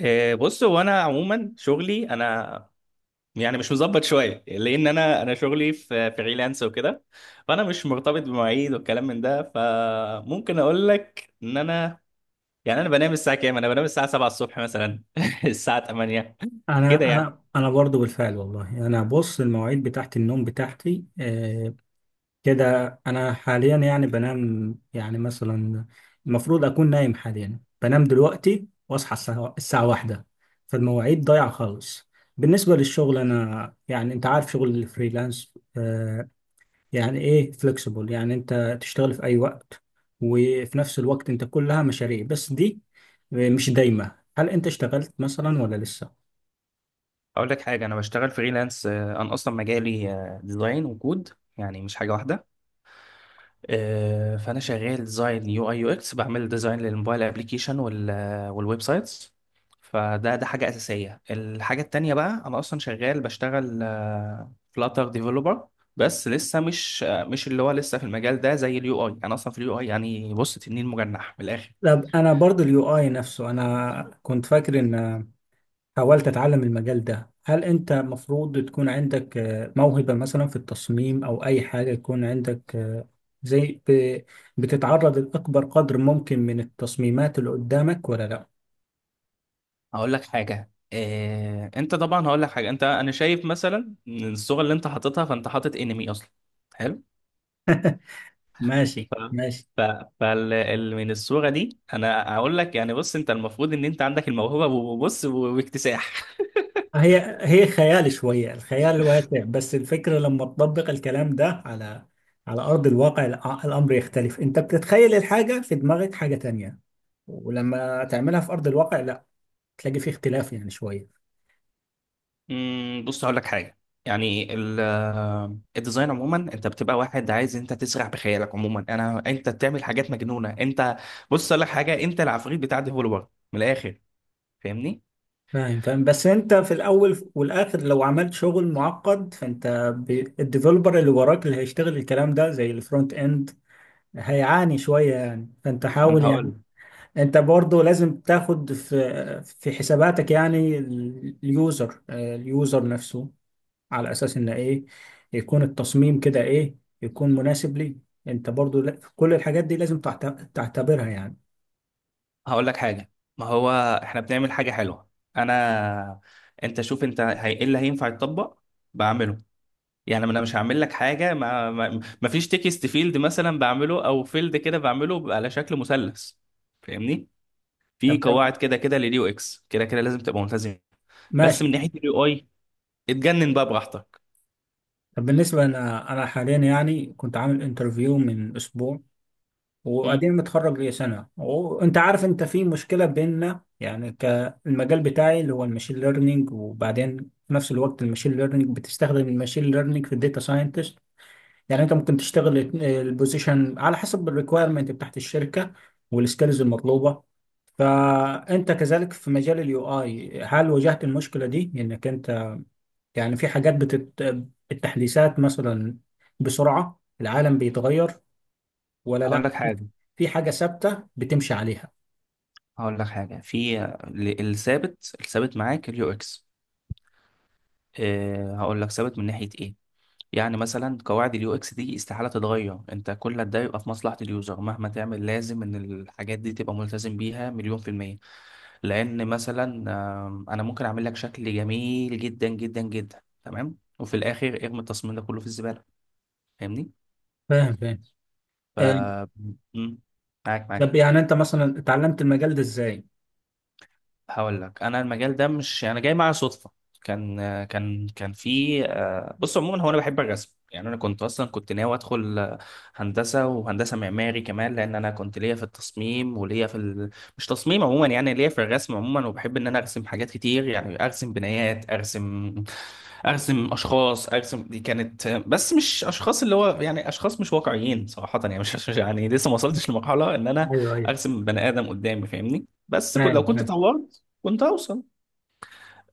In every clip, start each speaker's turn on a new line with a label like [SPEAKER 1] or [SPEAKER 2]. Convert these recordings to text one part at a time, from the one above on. [SPEAKER 1] بص، هو انا عموما شغلي، انا يعني مش مظبط شويه، لان انا شغلي في فريلانس وكده. فانا مش مرتبط بمواعيد والكلام من ده، فممكن اقول لك ان انا يعني انا بنام الساعه كام؟ انا بنام الساعه 7 الصبح مثلا الساعه 8
[SPEAKER 2] انا
[SPEAKER 1] كده يعني.
[SPEAKER 2] انا انا برضو بالفعل والله انا، بص، المواعيد بتاعت النوم بتاعتي كده. انا حاليا يعني بنام، يعني مثلا المفروض اكون نايم، حاليا بنام دلوقتي واصحى الساعه واحدة. فالمواعيد ضايعه خالص. بالنسبه للشغل انا يعني انت عارف شغل الفريلانس، يعني ايه فليكسيبل، يعني انت تشتغل في اي وقت، وفي نفس الوقت انت كلها مشاريع، بس دي مش دايمه. هل انت اشتغلت مثلا ولا لسه؟
[SPEAKER 1] اقول لك حاجه، انا بشتغل فريلانس. انا اصلا مجالي ديزاين وكود، يعني مش حاجه واحده. فانا شغال ديزاين يو اي يو اكس، بعمل ديزاين للموبايل ابلكيشن والويب سايتس. فده حاجه اساسيه. الحاجه التانية بقى، انا اصلا شغال، بشتغل فلاتر ديفلوبر، بس لسه مش مش اللي هو، لسه في المجال ده. زي اليو اي، انا اصلا في اليو اي يعني، بص، تنين مجنح من الاخر.
[SPEAKER 2] طب انا برضو اليو اي نفسه، انا كنت فاكر ان، حاولت اتعلم المجال ده، هل انت مفروض تكون عندك موهبة مثلا في التصميم، او اي حاجة يكون عندك، زي ب- بتتعرض لاكبر قدر ممكن من التصميمات اللي قدامك ولا لا؟
[SPEAKER 1] هقول لك حاجه انت طبعا، هقول لك حاجه، انت انا شايف مثلا إن الصوره اللي انت حاططها، فانت حاطط انمي اصلا. حلو.
[SPEAKER 2] ماشي
[SPEAKER 1] ف...
[SPEAKER 2] ماشي.
[SPEAKER 1] ف... من الصورة دي انا هقول لك، يعني بص، انت المفروض ان انت عندك الموهبة، وبص، واكتساح.
[SPEAKER 2] هي خيال شوية، الخيال واسع، بس الفكرة لما تطبق الكلام ده على أرض الواقع، الأمر يختلف. أنت بتتخيل الحاجة في دماغك حاجة تانية، ولما تعملها في أرض الواقع لا، تلاقي فيه اختلاف يعني شوية.
[SPEAKER 1] بص، هقول لك حاجة. يعني ال... آه، الديزاين عموما انت بتبقى واحد عايز انت تسرح بخيالك عموما. انا، انت بتعمل حاجات مجنونة انت. بص اقول لك حاجة، انت العفريت بتاع ديفولبر من الاخر. فاهمني؟
[SPEAKER 2] فاهم فاهم، بس أنت في الأول والآخر لو عملت شغل معقد فأنت، الديفلوبر اللي وراك اللي هيشتغل الكلام ده زي الفرونت إند هيعاني شوية يعني، فأنت
[SPEAKER 1] ما انا
[SPEAKER 2] حاول يعني.
[SPEAKER 1] هقول
[SPEAKER 2] انت برضو لازم تاخد في حساباتك يعني اليوزر، اليوزر نفسه، على اساس ان ايه يكون التصميم كده، ايه يكون مناسب ليه. انت برضو كل الحاجات دي لازم تعتبرها يعني.
[SPEAKER 1] هقول لك حاجة. ما هو احنا بنعمل حاجة حلوة. انا، انت شوف انت ايه اللي هينفع يتطبق بعمله. يعني انا مش هعمل لك حاجه ما فيش تكست فيلد مثلا بعمله، او فيلد كده بعمله بيبقى على شكل مثلث. فاهمني؟ في
[SPEAKER 2] طب
[SPEAKER 1] قواعد كده كده لليو اكس، كده كده لازم تبقى ملتزم. بس من
[SPEAKER 2] ماشي.
[SPEAKER 1] ناحيه اليو اي، اتجنن بقى براحتك.
[SPEAKER 2] طب بالنسبة، انا حاليا يعني كنت عامل انترفيو من اسبوع،
[SPEAKER 1] مم.
[SPEAKER 2] وبعدين متخرج لي سنة. وانت عارف انت في مشكلة بيننا يعني، كالمجال بتاعي اللي هو الماشين ليرنينج، وبعدين في نفس الوقت الماشين ليرنينج بتستخدم الماشين ليرنينج في الداتا ساينتست. يعني انت ممكن تشتغل البوزيشن على حسب الريكويرمنت بتاعت الشركة والسكيلز المطلوبة. فانت كذلك في مجال اليو اي، هل واجهت المشكلة دي، انك انت يعني في حاجات التحديثات مثلا، بسرعة العالم بيتغير، ولا لا،
[SPEAKER 1] هقول لك
[SPEAKER 2] في
[SPEAKER 1] حاجه
[SPEAKER 2] في حاجة ثابتة بتمشي عليها؟
[SPEAKER 1] هقول لك حاجه، في الثابت، معاك اليو اكس. أه، هقول لك ثابت من ناحيه ايه. يعني مثلا قواعد اليو اكس دي استحاله تتغير، انت كل ده يبقى في مصلحه اليوزر. مهما تعمل لازم ان الحاجات دي تبقى ملتزم بيها 100%. لان مثلا انا ممكن اعمل لك شكل جميل جدا جدا جدا تمام، وفي الاخر ارمي التصميم ده كله في الزباله. فاهمني؟
[SPEAKER 2] فاهم فاهم.
[SPEAKER 1] ف
[SPEAKER 2] آه،
[SPEAKER 1] مم، معاك،
[SPEAKER 2] طب
[SPEAKER 1] معاك.
[SPEAKER 2] يعني انت مثلا اتعلمت المجال ده ازاي؟
[SPEAKER 1] هقول لك، انا المجال ده مش يعني، انا جاي معايا صدفه. كان كان في، بص عموما، هو انا بحب الرسم، يعني انا كنت اصلا كنت ناوي ادخل هندسه، وهندسه معماري كمان، لان انا كنت ليا في التصميم وليا في مش تصميم عموما يعني، ليا في الرسم عموما. وبحب ان انا ارسم حاجات كتير، يعني ارسم بنايات، ارسم اشخاص، ارسم. دي كانت، بس مش اشخاص، اللي هو يعني اشخاص مش واقعيين، صراحه، يعني مش يعني لسه ما وصلتش لمرحله ان انا
[SPEAKER 2] ايوه ايوه،
[SPEAKER 1] ارسم بني ادم قدامي. فاهمني؟
[SPEAKER 2] فاهم
[SPEAKER 1] لو كنت
[SPEAKER 2] فاهم.
[SPEAKER 1] طورت كنت هوصل.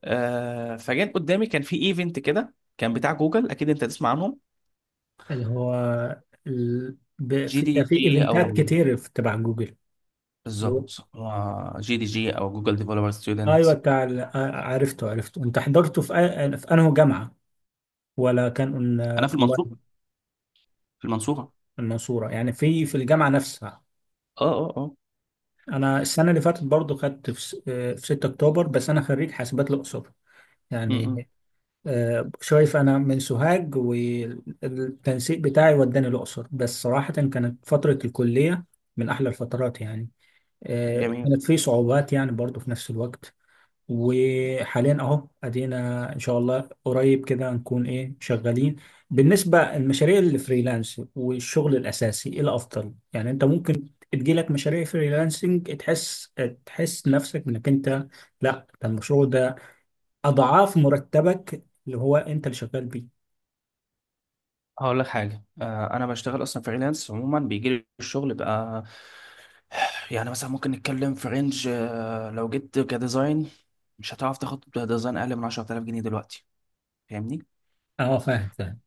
[SPEAKER 1] آه، فجأة قدامي كان في ايفنت كده كان بتاع جوجل، اكيد انت تسمع عنهم،
[SPEAKER 2] اللي هو
[SPEAKER 1] جي
[SPEAKER 2] في
[SPEAKER 1] دي
[SPEAKER 2] في
[SPEAKER 1] جي او.
[SPEAKER 2] ايفنتات كتير في تبع جوجل. اللي هو-
[SPEAKER 1] بالظبط، هو جي دي جي او، جوجل ديفلوبر ستودنت.
[SPEAKER 2] ايوه، بتاع عرفته عرفته، انت حضرته في في انهي جامعة؟ ولا كان
[SPEAKER 1] انا في
[SPEAKER 2] والله،
[SPEAKER 1] المنصورة، في المنصورة.
[SPEAKER 2] المنصورة يعني، في في الجامعة نفسها.
[SPEAKER 1] اه. اه، اه.
[SPEAKER 2] انا السنة اللي فاتت برضو خدت في 6 اكتوبر، بس انا خريج حاسبات الاقصر
[SPEAKER 1] م- م.
[SPEAKER 2] يعني. شايف، انا من سوهاج والتنسيق بتاعي وداني الاقصر، بس صراحه كانت فتره الكليه من احلى الفترات يعني.
[SPEAKER 1] جميل.
[SPEAKER 2] كانت في صعوبات يعني برضو في نفس الوقت. وحاليا اهو ادينا ان شاء الله قريب كده نكون ايه شغالين. بالنسبه المشاريع الفريلانس والشغل الاساسي ايه الافضل؟ يعني انت ممكن تجيلك مشاريع فريلانسنج، تحس نفسك انك انت، لا ده المشروع ده اضعاف مرتبك اللي هو انت اللي شغال بيه.
[SPEAKER 1] هقول لك حاجة، آه، انا بشتغل اصلا فريلانس عموما، بيجي لي الشغل بقى. يعني مثلا ممكن نتكلم في رينج، آه، لو جيت كديزاين، مش هتعرف تاخد ديزاين اقل من 10,000 جنيه دلوقتي. فاهمني؟
[SPEAKER 2] اه فاهم فاهم.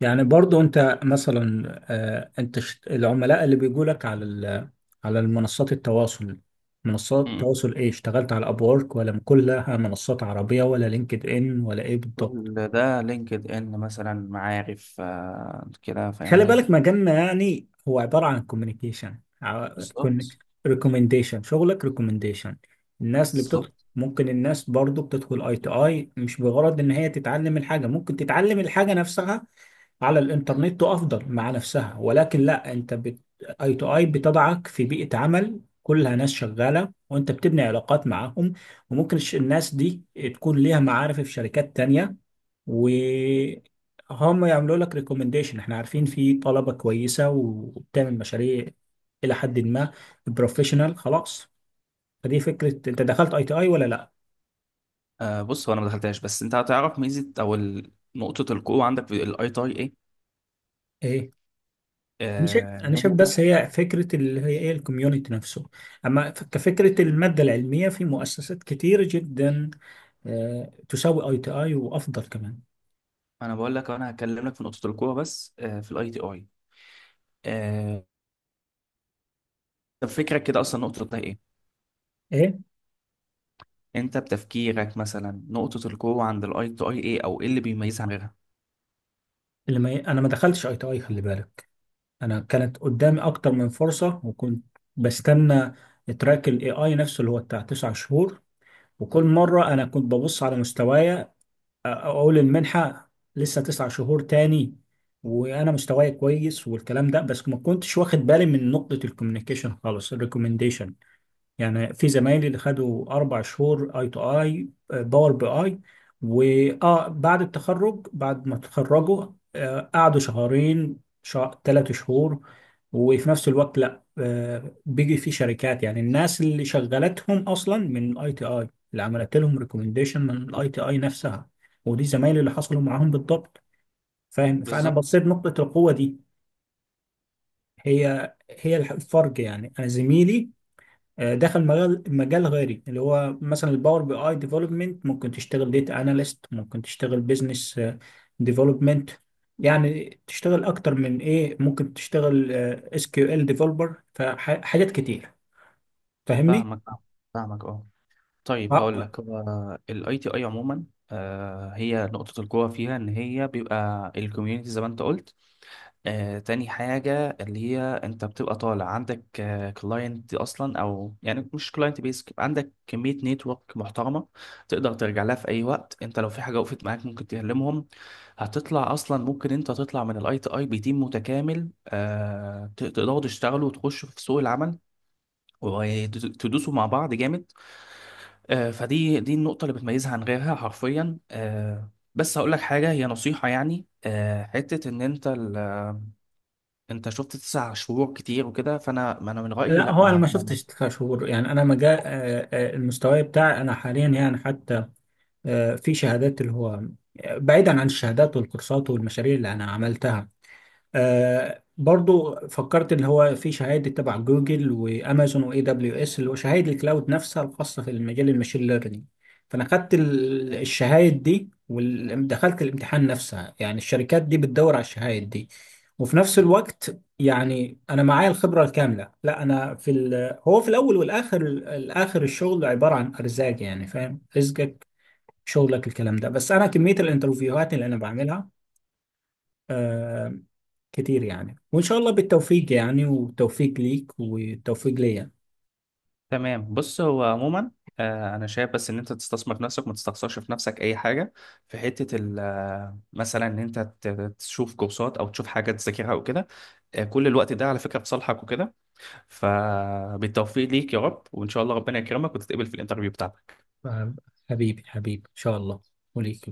[SPEAKER 2] يعني برضو انت مثلا، انت العملاء اللي بيجوا لك على على المنصات التواصل منصات التواصل، ايه اشتغلت على ابورك، ولا كلها منصات عربية، ولا لينكد ان، ولا ايه بالضبط؟
[SPEAKER 1] كل ده لينكد ان مثلا، معارف، آه كده.
[SPEAKER 2] خلي
[SPEAKER 1] فاهمني؟
[SPEAKER 2] بالك مجالنا يعني هو عبارة عن كوميونيكيشن،
[SPEAKER 1] بالظبط.
[SPEAKER 2] ريكومنديشن، شغلك ريكومنديشن. الناس اللي بتدخل،
[SPEAKER 1] بالظبط.
[SPEAKER 2] ممكن الناس برضو بتدخل اي تو اي مش بغرض ان هي تتعلم الحاجة، ممكن تتعلم الحاجة نفسها على الانترنت وافضل مع نفسها، ولكن لا، انت اي تو اي بتضعك في بيئة عمل كلها ناس شغالة، وانت بتبني علاقات معاهم. وممكن الناس دي تكون ليها معارف في شركات تانية، وهم يعملوا لك ريكومنديشن، احنا عارفين في طلبة كويسة وبتعمل مشاريع إلى حد ما بروفيشنال خلاص. فدي فكرة. أنت دخلت أي تي أي ولا لأ؟
[SPEAKER 1] بص، هو انا ما دخلتهاش، بس انت هتعرف ميزه او نقطه القوه عندك في الاي تي ايه.
[SPEAKER 2] إيه؟ أنا شايف، أنا
[SPEAKER 1] ان
[SPEAKER 2] شايف
[SPEAKER 1] انت...
[SPEAKER 2] بس هي فكرة اللي هي إيه، الكوميونتي نفسه، أما كفكرة المادة العلمية في مؤسسات كتير جدا، تساوي أي تي أي وأفضل كمان.
[SPEAKER 1] انا بقول لك، انا هكلمك في نقطه القوه بس في الاي تي اي. آه، طب فكرك كده اصلا نقطه القوه ايه؟
[SPEAKER 2] إيه؟
[SPEAKER 1] انت بتفكيرك مثلا نقطه القوه عند الاي تي اي ايه، او ايه اللي بيميزها عن غيرها؟
[SPEAKER 2] اللي ما ي- أنا ما دخلتش أي تي أي خلي بالك. انا كانت قدامي اكتر من فرصه، وكنت بستنى تراك الاي اي نفسه اللي هو بتاع تسع شهور. وكل مره انا كنت ببص على مستوايا، اقول المنحه لسه تسع شهور تاني، وانا مستواي كويس والكلام ده. بس ما كنتش واخد بالي من نقطه الكوميونيكيشن خالص، الريكومنديشن. يعني في زمايلي اللي خدوا اربع شهور اي تو اي باور بي اي، واه بعد التخرج، بعد ما تخرجوا قعدوا شهرين، شهر، ثلاث شهور. وفي نفس الوقت لا، بيجي في شركات يعني الناس اللي شغلتهم اصلا من الاي تي اي، اللي عملت لهم ريكومنديشن من الاي تي اي نفسها. ودي زمايلي اللي حصلوا معاهم بالضبط. فاهم، فانا
[SPEAKER 1] بالظبط.
[SPEAKER 2] بصيت نقطة القوة دي. هي الفرق يعني. انا زميلي دخل مجال غيري، اللي هو مثلا الباور بي اي ديفلوبمنت، ممكن تشتغل ديتا اناليست، ممكن تشتغل بزنس ديفلوبمنت، يعني تشتغل اكتر من ايه، ممكن تشتغل اس كيو ال ديفلوبر، فحاجات كتير. فاهمني.
[SPEAKER 1] فاهمك. فاهمك، اه. طيب
[SPEAKER 2] آه،
[SPEAKER 1] هقول لك، هو الاي تي اي عموما هي نقطة القوة فيها ان هي بيبقى الكوميونتي زي ما انت قلت. تاني حاجة، اللي هي انت بتبقى طالع عندك كلاينت اصلا، او يعني مش كلاينت بيس، عندك كمية نتورك محترمة تقدر ترجع لها في اي وقت انت لو في حاجة وقفت معاك ممكن تكلمهم. هتطلع اصلا، ممكن انت تطلع من الاي تي اي بتيم متكامل، تقدروا تشتغلوا وتخشوا في سوق العمل، وتدوسوا مع بعض جامد. فدي النقطة اللي بتميزها عن غيرها حرفيا. بس هقول لك حاجة، هي نصيحة يعني، حتة إن أنت أنت شفت 9 شهور كتير وكده، فأنا، ما أنا من رأيي
[SPEAKER 2] لا
[SPEAKER 1] لأ،
[SPEAKER 2] هو انا
[SPEAKER 1] ما...
[SPEAKER 2] ما
[SPEAKER 1] ما...
[SPEAKER 2] شفتش كشهور يعني. انا مجال، المستوى بتاعي انا حاليا يعني حتى، في شهادات اللي هو، بعيدا عن الشهادات والكورسات والمشاريع اللي انا عملتها، آه برضو فكرت اللي هو في شهادة تبع جوجل وامازون واي دبليو اس، اللي هو شهادة الكلاود نفسها الخاصة في المجال الماشين ليرنينج. فانا خدت الشهادة دي ودخلت الامتحان نفسها، يعني الشركات دي بتدور على الشهادة دي. وفي نفس الوقت يعني انا معايا الخبرة الكاملة. لا انا في هو في الاول والاخر، الشغل عبارة عن ارزاق يعني، فاهم، رزقك شغلك الكلام ده. بس انا كمية الانترفيوهات اللي انا بعملها آه، كتير يعني. وإن شاء الله بالتوفيق يعني، والتوفيق ليك والتوفيق ليا.
[SPEAKER 1] تمام. بص، هو عموما أنا شايف بس إن أنت تستثمر في نفسك، ما تستخسرش في نفسك أي حاجة، في حتة ال... آه، مثلا إن أنت تشوف كورسات أو تشوف حاجة تذاكرها أو كده. كل الوقت ده على فكرة في صالحك وكده. فبالتوفيق ليك يا رب، وإن شاء الله ربنا يكرمك وتتقبل في الانترفيو بتاعك.
[SPEAKER 2] حبيبي حبيبي، إن شاء الله، وليك.